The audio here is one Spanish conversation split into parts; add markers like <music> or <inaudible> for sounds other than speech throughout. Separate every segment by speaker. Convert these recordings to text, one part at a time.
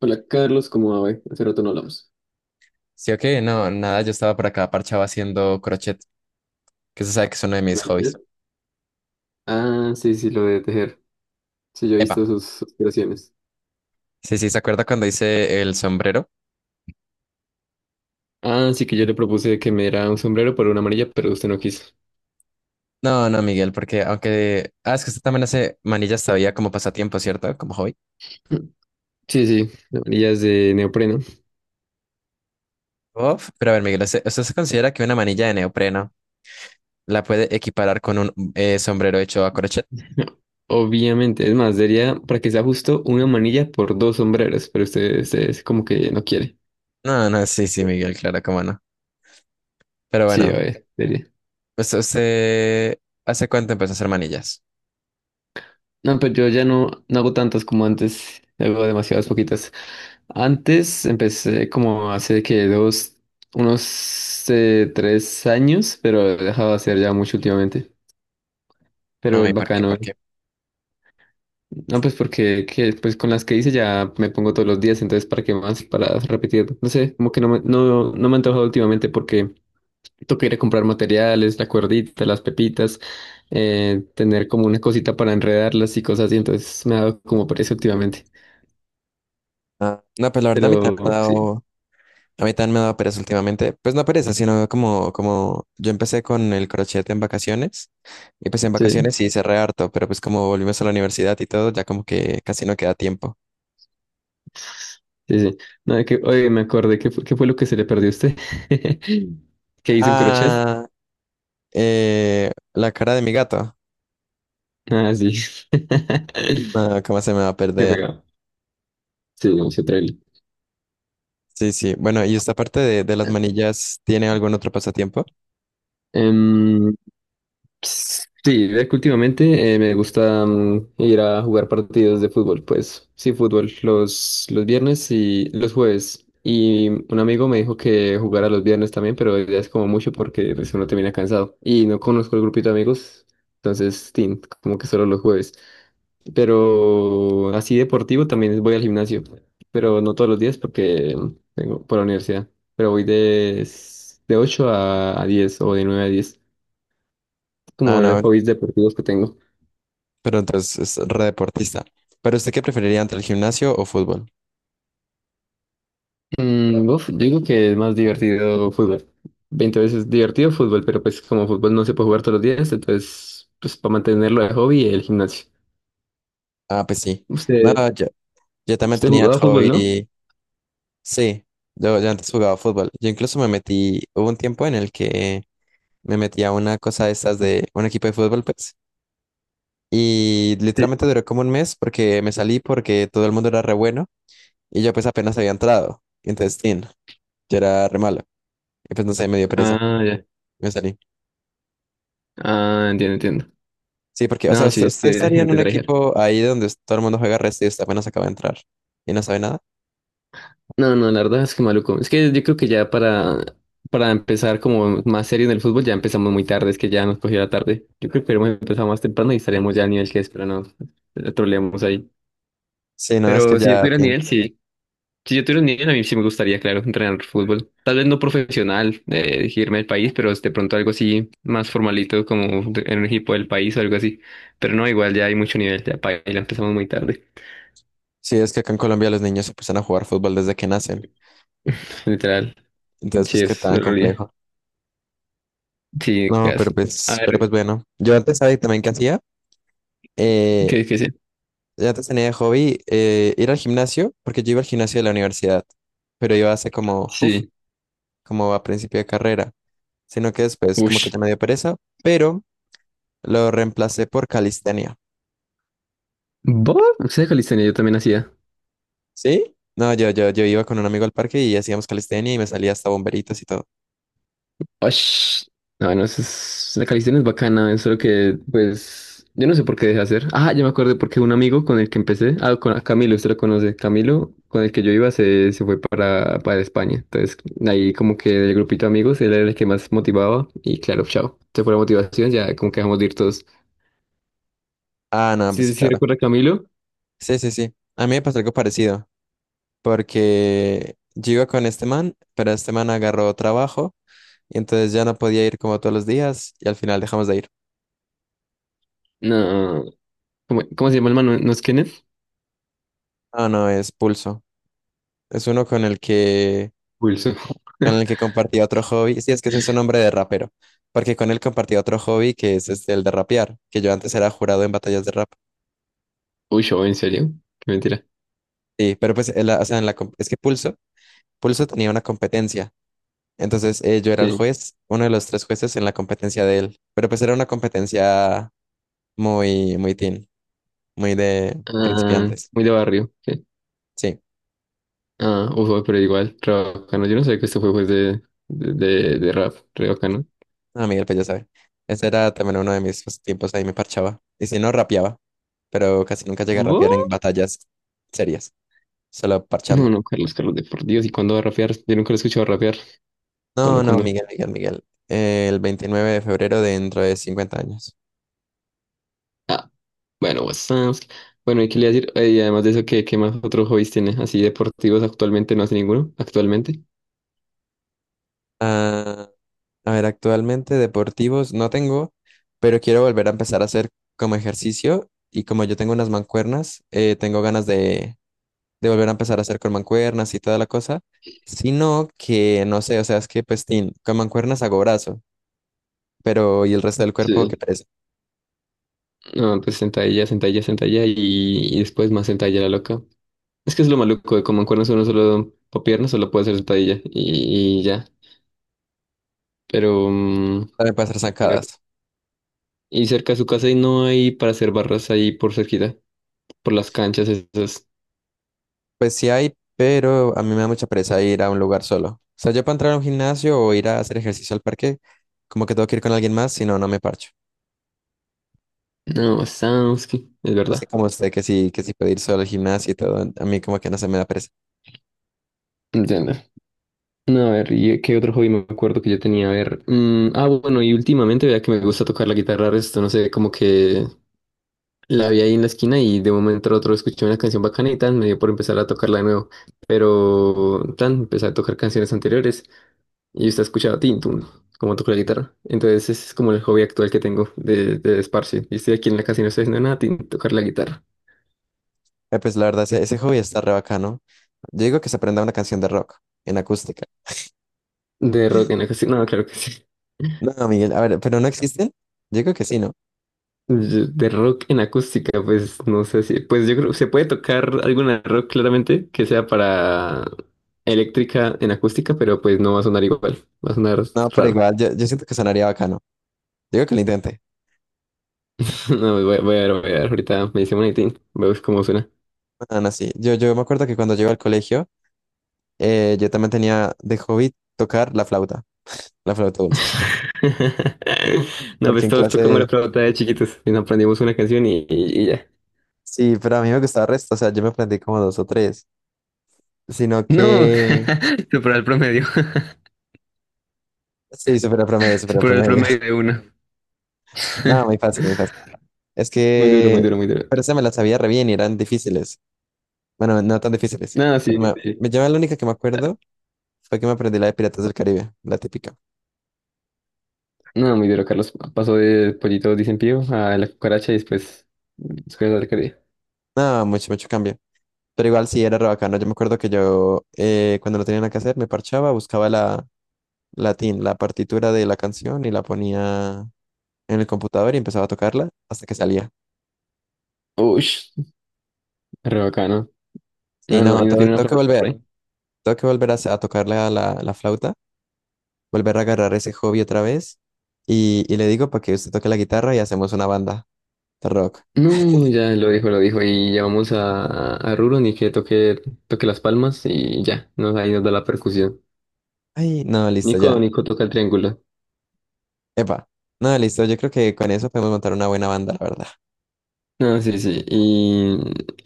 Speaker 1: Hola Carlos, ¿cómo va, güey? Hace rato no hablamos.
Speaker 2: Sí, o qué, no, nada, yo estaba por acá parchado haciendo crochet, que se sabe que es uno de
Speaker 1: ¿Qué
Speaker 2: mis
Speaker 1: me decías?
Speaker 2: hobbies.
Speaker 1: Ah, sí, sí, lo de tejer. Sí, yo he
Speaker 2: Epa,
Speaker 1: visto sus creaciones.
Speaker 2: sí, sí, ¿se acuerda cuando hice el sombrero?
Speaker 1: Ah, sí, que yo le propuse que me diera un sombrero por una amarilla, pero usted no quiso.
Speaker 2: No, no, Miguel, porque aunque... Ah, es que usted también hace manillas todavía como pasatiempo, ¿cierto? Como hobby.
Speaker 1: <clears throat> Sí, sí, la amarilla es de neopreno.
Speaker 2: Uf, pero a ver, Miguel, ¿usted se considera que una manilla de neopreno la puede equiparar con un sombrero hecho a crochet?
Speaker 1: <laughs> Obviamente, es más, sería para que sea justo una manilla por dos sombreros, pero usted es como que no quiere.
Speaker 2: No, no, sí, sí, Miguel, claro, cómo no. Pero
Speaker 1: Sí, a
Speaker 2: bueno,
Speaker 1: ver, sería.
Speaker 2: pues usted... ¿Hace cuánto empezó a hacer manillas?
Speaker 1: No, pero yo ya no, no hago tantas como antes, hago demasiadas poquitas. Antes empecé como hace que dos, unos 3 años, pero he dejado de hacer ya mucho últimamente. Pero
Speaker 2: No, ¿y
Speaker 1: es
Speaker 2: por qué?
Speaker 1: bacano,
Speaker 2: ¿Por
Speaker 1: ¿eh?
Speaker 2: qué?
Speaker 1: No, pues porque que, pues con las que hice ya me pongo todos los días, entonces ¿para qué más? Para repetir. No sé, como que no me ha antojado últimamente porque toca ir a comprar materiales, la cuerdita, las pepitas, tener como una cosita para enredarlas y cosas así, entonces me ha dado como pereza últimamente.
Speaker 2: Ah, no, pues la verdad a mí también me ha
Speaker 1: Pero sí,
Speaker 2: dado... A mí también me daba pereza últimamente. Pues no pereza, sino como, como yo empecé con el crochet en vacaciones. Y pues en
Speaker 1: sí.
Speaker 2: vacaciones sí cerré harto, pero pues como volvimos a la universidad y todo, ya como que casi no queda tiempo.
Speaker 1: Sí, sí. No, que, oye, me acordé, ¿qué fue lo que se le perdió a usted? <laughs> ¿Que hizo un crochet?
Speaker 2: Ah, la cara de mi gato.
Speaker 1: Ah, sí. <laughs>
Speaker 2: Ah, ¿cómo se me va a
Speaker 1: Qué
Speaker 2: perder?
Speaker 1: pegado. Sí, mucho trail.
Speaker 2: Sí, sí. Bueno, y esta parte de las manillas, ¿tiene algún otro pasatiempo?
Speaker 1: Em, sí, ve que últimamente me gusta ir a jugar partidos de fútbol, pues sí, fútbol los viernes y los jueves. Y un amigo me dijo que jugara los viernes también, pero ya es como mucho porque pues, uno termina cansado. Y no conozco el grupito de amigos, entonces, tin, como que solo los jueves. Pero así deportivo también voy al gimnasio, pero no todos los días porque tengo por la universidad. Pero voy de 8 a 10 o de 9 a 10
Speaker 2: Ah,
Speaker 1: como los
Speaker 2: no,
Speaker 1: hobbies deportivos que tengo.
Speaker 2: pero entonces es re deportista. ¿Pero usted qué preferiría entre el gimnasio o fútbol?
Speaker 1: Uf, yo digo que es más divertido fútbol. 20 veces divertido fútbol, pero pues como fútbol no se puede jugar todos los días, entonces pues para mantenerlo de hobby el gimnasio.
Speaker 2: Ah, pues sí. No,
Speaker 1: Usted,
Speaker 2: yo también
Speaker 1: usted
Speaker 2: tenía el
Speaker 1: jugaba fútbol, ¿no?
Speaker 2: hobby. Sí, yo antes jugaba fútbol. Yo incluso me metí, hubo un tiempo en el que me metí a una cosa de estas de un equipo de fútbol, pues, y
Speaker 1: Sí.
Speaker 2: literalmente duró como un mes porque me salí porque todo el mundo era re bueno y yo pues apenas había entrado. Y entonces, tin, yo era re malo. Y pues no sé, me dio pereza.
Speaker 1: Ah, ya.
Speaker 2: Me salí.
Speaker 1: Ah, entiendo, entiendo.
Speaker 2: Sí, porque, o sea,
Speaker 1: No,
Speaker 2: usted,
Speaker 1: sí, es
Speaker 2: usted
Speaker 1: que hay
Speaker 2: estaría en
Speaker 1: gente
Speaker 2: un
Speaker 1: trae.
Speaker 2: equipo ahí donde todo el mundo juega resto y usted apenas acaba de entrar y no sabe nada.
Speaker 1: No, no, no, la verdad es que maluco. Es que yo creo que ya para empezar como más serio en el fútbol ya empezamos muy tarde, es que ya nos cogió la tarde. Yo creo que hemos empezado más temprano y estaríamos ya al nivel que es, pero no, la troleamos ahí.
Speaker 2: Sí, no, es que
Speaker 1: Pero si yo
Speaker 2: ya,
Speaker 1: tuviera
Speaker 2: tin.
Speaker 1: nivel, sí. Si yo tuviera nivel, a mí sí me gustaría, claro, entrenar fútbol. Tal vez no profesional, irme al país, pero de pronto algo así más formalito como en un equipo del país o algo así. Pero no, igual ya hay mucho nivel, ya para la empezamos muy tarde,
Speaker 2: Sí, es que acá en Colombia los niños se empiezan a jugar fútbol desde que nacen.
Speaker 1: literal.
Speaker 2: Entonces,
Speaker 1: Sí,
Speaker 2: pues qué
Speaker 1: es
Speaker 2: tan
Speaker 1: la realidad.
Speaker 2: complejo.
Speaker 1: Sí,
Speaker 2: No,
Speaker 1: gas. A
Speaker 2: pero
Speaker 1: ver,
Speaker 2: pues bueno, yo antes, ¿sabes también qué hacía? Eh,
Speaker 1: ¿qué es?
Speaker 2: yo antes tenía de hobby ir al gimnasio, porque yo iba al gimnasio de la universidad, pero iba hace como, uf,
Speaker 1: Sí.
Speaker 2: como a principio de carrera, sino que después como que
Speaker 1: Ush.
Speaker 2: ya me dio pereza, pero lo reemplacé por calistenia,
Speaker 1: ¿Vos? ¿Usted de calistenia? Yo también hacía.
Speaker 2: ¿sí? No, yo iba con un amigo al parque y hacíamos calistenia y me salía hasta bomberitos y todo.
Speaker 1: Ush. No, no, la calistenia es bacana, es solo que, pues, yo no sé por qué dejé de hacer. Ah, ya me acuerdo porque un amigo con el que empecé, ah, con a Camilo, usted lo conoce, Camilo, con el que yo iba, se fue para España. Entonces, ahí como que del grupito de amigos, él era el que más motivaba y claro, chao. Se fue la motivación, ya como que dejamos de ir todos.
Speaker 2: Ah, no, pues
Speaker 1: ¿Sí,
Speaker 2: sí,
Speaker 1: sí, sí
Speaker 2: claro.
Speaker 1: recuerda a Camilo?
Speaker 2: Sí, sí, sí. A mí me pasó algo parecido, porque yo iba con este man, pero este man agarró trabajo. Y entonces ya no podía ir como todos los días y al final dejamos de ir.
Speaker 1: No, ¿cómo se llama el man? ¿No es Kenneth?
Speaker 2: Ah, no, es Pulso. Es uno con
Speaker 1: Wilson.
Speaker 2: con el que
Speaker 1: <laughs>
Speaker 2: compartía otro hobby. Sí, es que ese es su nombre de rapero. Porque con él compartía otro hobby que es este, el de rapear, que yo antes era jurado en batallas de rap.
Speaker 1: Uy, yo, ¿en serio? Qué mentira.
Speaker 2: Sí, pero pues, en la- o sea, en la, com- es que Pulso tenía una competencia. Entonces yo era el juez, uno de los tres jueces en la competencia de él. Pero pues era una competencia muy, muy teen, muy de
Speaker 1: Ah,
Speaker 2: principiantes.
Speaker 1: muy de barrio. ¿Sí?
Speaker 2: Sí.
Speaker 1: Ah, uff, pero igual, re bacano. Yo no sabía que este juego es de rap, re bacano.
Speaker 2: Ah, Miguel, pues ya sabe. Ese era también uno de mis tiempos, ahí me parchaba. Y si no, rapeaba. Pero casi nunca llegué a rapear en
Speaker 1: ¿Vos?
Speaker 2: batallas serias, solo
Speaker 1: No,
Speaker 2: parchando.
Speaker 1: no, Carlos, Carlos, de por Dios, ¿y cuándo va a rapear? Yo nunca lo he escuchado rapear. ¿Cuándo,
Speaker 2: No, no,
Speaker 1: cuándo?
Speaker 2: Miguel, Miguel, Miguel. El 29 de febrero de dentro de 50 años.
Speaker 1: Ah, bueno, what's. Bueno, ¿y qué le iba a decir? Y además de eso, ¿qué más otros hobbies tiene? Así deportivos actualmente, no hace ninguno, actualmente.
Speaker 2: Ah, a ver, actualmente deportivos no tengo, pero quiero volver a empezar a hacer como ejercicio y como yo tengo unas mancuernas, tengo ganas de volver a empezar a hacer con mancuernas y toda la cosa, sino que no sé, o sea, es que pues tin, con mancuernas hago brazo pero y el resto del cuerpo, qué
Speaker 1: Sí.
Speaker 2: pereza.
Speaker 1: No, pues sentadilla, sentadilla, sentadilla y después más sentadilla la loca. Es que es lo maluco de como en cuernos uno solo, o piernas solo puede hacer sentadilla y ya. Pero,
Speaker 2: También puede hacer
Speaker 1: mira,
Speaker 2: zancadas.
Speaker 1: y cerca de su casa y no hay para hacer barras ahí por cerquita, por las canchas esas.
Speaker 2: Pues sí hay, pero a mí me da mucha pereza ir a un lugar solo. O sea, yo para entrar a un gimnasio o ir a hacer ejercicio al parque, como que tengo que ir con alguien más, si no, no me parcho.
Speaker 1: No, Samsky, es
Speaker 2: Así
Speaker 1: verdad.
Speaker 2: como usted que sí puede ir solo al gimnasio y todo, a mí como que no se me da pereza.
Speaker 1: Entiendo. No, a ver, ¿y qué otro hobby me acuerdo que yo tenía? A ver, ah, bueno, y últimamente vea que me gusta tocar la guitarra, esto no sé, como que la vi ahí en la esquina y de un momento a otro escuché una canción bacana y tan, me dio por empezar a tocarla de nuevo. Pero tan, empecé a tocar canciones anteriores y usted ha escuchado Tintun, como toco la guitarra. Entonces ese es como el hobby actual que tengo de esparcio. Y estoy aquí en la casa y no estoy haciendo nada, tin, tocar la guitarra.
Speaker 2: Pues la verdad, ese hobby está re bacano. Yo digo que se aprenda una canción de rock en acústica.
Speaker 1: De rock en acústica, no, claro que sí.
Speaker 2: No, Miguel, a ver, ¿pero no existen? Yo digo que sí, ¿no?
Speaker 1: Yo... De rock en acústica, pues no sé si, pues yo creo, se puede tocar alguna rock claramente que sea para eléctrica en acústica, pero pues no va a sonar igual, va a sonar
Speaker 2: No, pero
Speaker 1: raro.
Speaker 2: igual,
Speaker 1: <laughs>
Speaker 2: yo siento que sonaría bacano. Yo digo que lo intente.
Speaker 1: No, voy a ver, ahorita me dice un tin, veo cómo suena.
Speaker 2: Ah, no, no, sí. Yo me acuerdo que cuando llego al colegio, yo también tenía de hobby tocar la flauta dulce,
Speaker 1: <laughs> No,
Speaker 2: porque
Speaker 1: pues
Speaker 2: en
Speaker 1: todos tocamos la
Speaker 2: clase,
Speaker 1: flauta de chiquitos y nos aprendimos una canción y ya.
Speaker 2: sí, pero a mí me gustaba el resto, o sea, yo me aprendí como dos o tres, sino
Speaker 1: No,
Speaker 2: que,
Speaker 1: <laughs> superó el promedio.
Speaker 2: sí, super promedio,
Speaker 1: <laughs>
Speaker 2: super
Speaker 1: Superó el
Speaker 2: promedio.
Speaker 1: promedio de
Speaker 2: <laughs>
Speaker 1: uno.
Speaker 2: No,
Speaker 1: <laughs>
Speaker 2: muy fácil, muy fácil. Es
Speaker 1: Muy duro, muy
Speaker 2: que,
Speaker 1: duro, muy duro.
Speaker 2: pero se me las sabía re bien y eran difíciles. Bueno, no tan difíciles,
Speaker 1: No, sí,
Speaker 2: pero
Speaker 1: sí.
Speaker 2: yo la única que me acuerdo fue que me aprendí la de Piratas del Caribe, la típica.
Speaker 1: No, muy duro, Carlos. Pasó de pollito dicen pío a la cucaracha y después de alcaldía.
Speaker 2: No, mucho, mucho cambio. Pero igual sí era re bacano. Yo me acuerdo que yo, cuando no tenía nada que hacer, me parchaba, buscaba la, latín, la partitura de la canción y la ponía en el computador y empezaba a tocarla hasta que salía.
Speaker 1: Uy, re bacano.
Speaker 2: Y
Speaker 1: No, no, y
Speaker 2: no,
Speaker 1: no tiene una palabra por ahí.
Speaker 2: tengo que volver a, sa- a tocarle a la flauta, volver a agarrar ese hobby otra vez y le digo para que usted toque la guitarra y hacemos una banda de rock.
Speaker 1: No, ya lo dijo, lo dijo. Y ya vamos a, Rulo, ni que toque, toque las palmas y ya, nos, ahí nos da la percusión.
Speaker 2: Ay, no, listo,
Speaker 1: Nico,
Speaker 2: ya.
Speaker 1: Nico toca el triángulo.
Speaker 2: Epa, no, listo, yo creo que con eso podemos montar una buena banda, la verdad.
Speaker 1: No, sí, sí. Y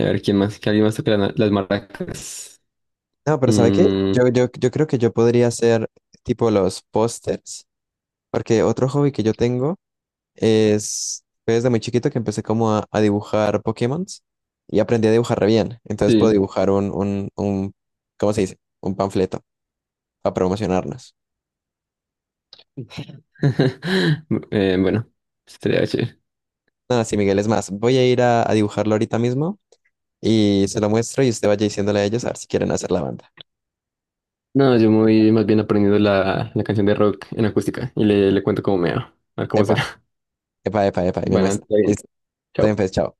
Speaker 1: a ver quién más, que alguien más toque las maracas.
Speaker 2: No, pero ¿sabe qué?
Speaker 1: Mm,
Speaker 2: Yo creo que yo podría hacer tipo los pósters, porque otro hobby que yo tengo es, fue desde muy chiquito que empecé como a dibujar Pokémon y aprendí a dibujar re bien. Entonces puedo
Speaker 1: sí.
Speaker 2: dibujar un, ¿cómo se dice? Un panfleto para promocionarnos.
Speaker 1: <laughs> Bueno, estaría chévere.
Speaker 2: Nada, sí, Miguel, es más, voy a ir a dibujarlo ahorita mismo y se lo muestro y usted vaya diciéndole a ellos a ver si quieren hacer la banda.
Speaker 1: No, yo me voy más bien aprendiendo la, la canción de rock en acústica y le cuento cómo me va. A ver cómo
Speaker 2: Epa,
Speaker 1: será. <laughs>
Speaker 2: epa, y me
Speaker 1: Bueno,
Speaker 2: muestra.
Speaker 1: está bien.
Speaker 2: Listo, está bien,
Speaker 1: Chao.
Speaker 2: pues, chao.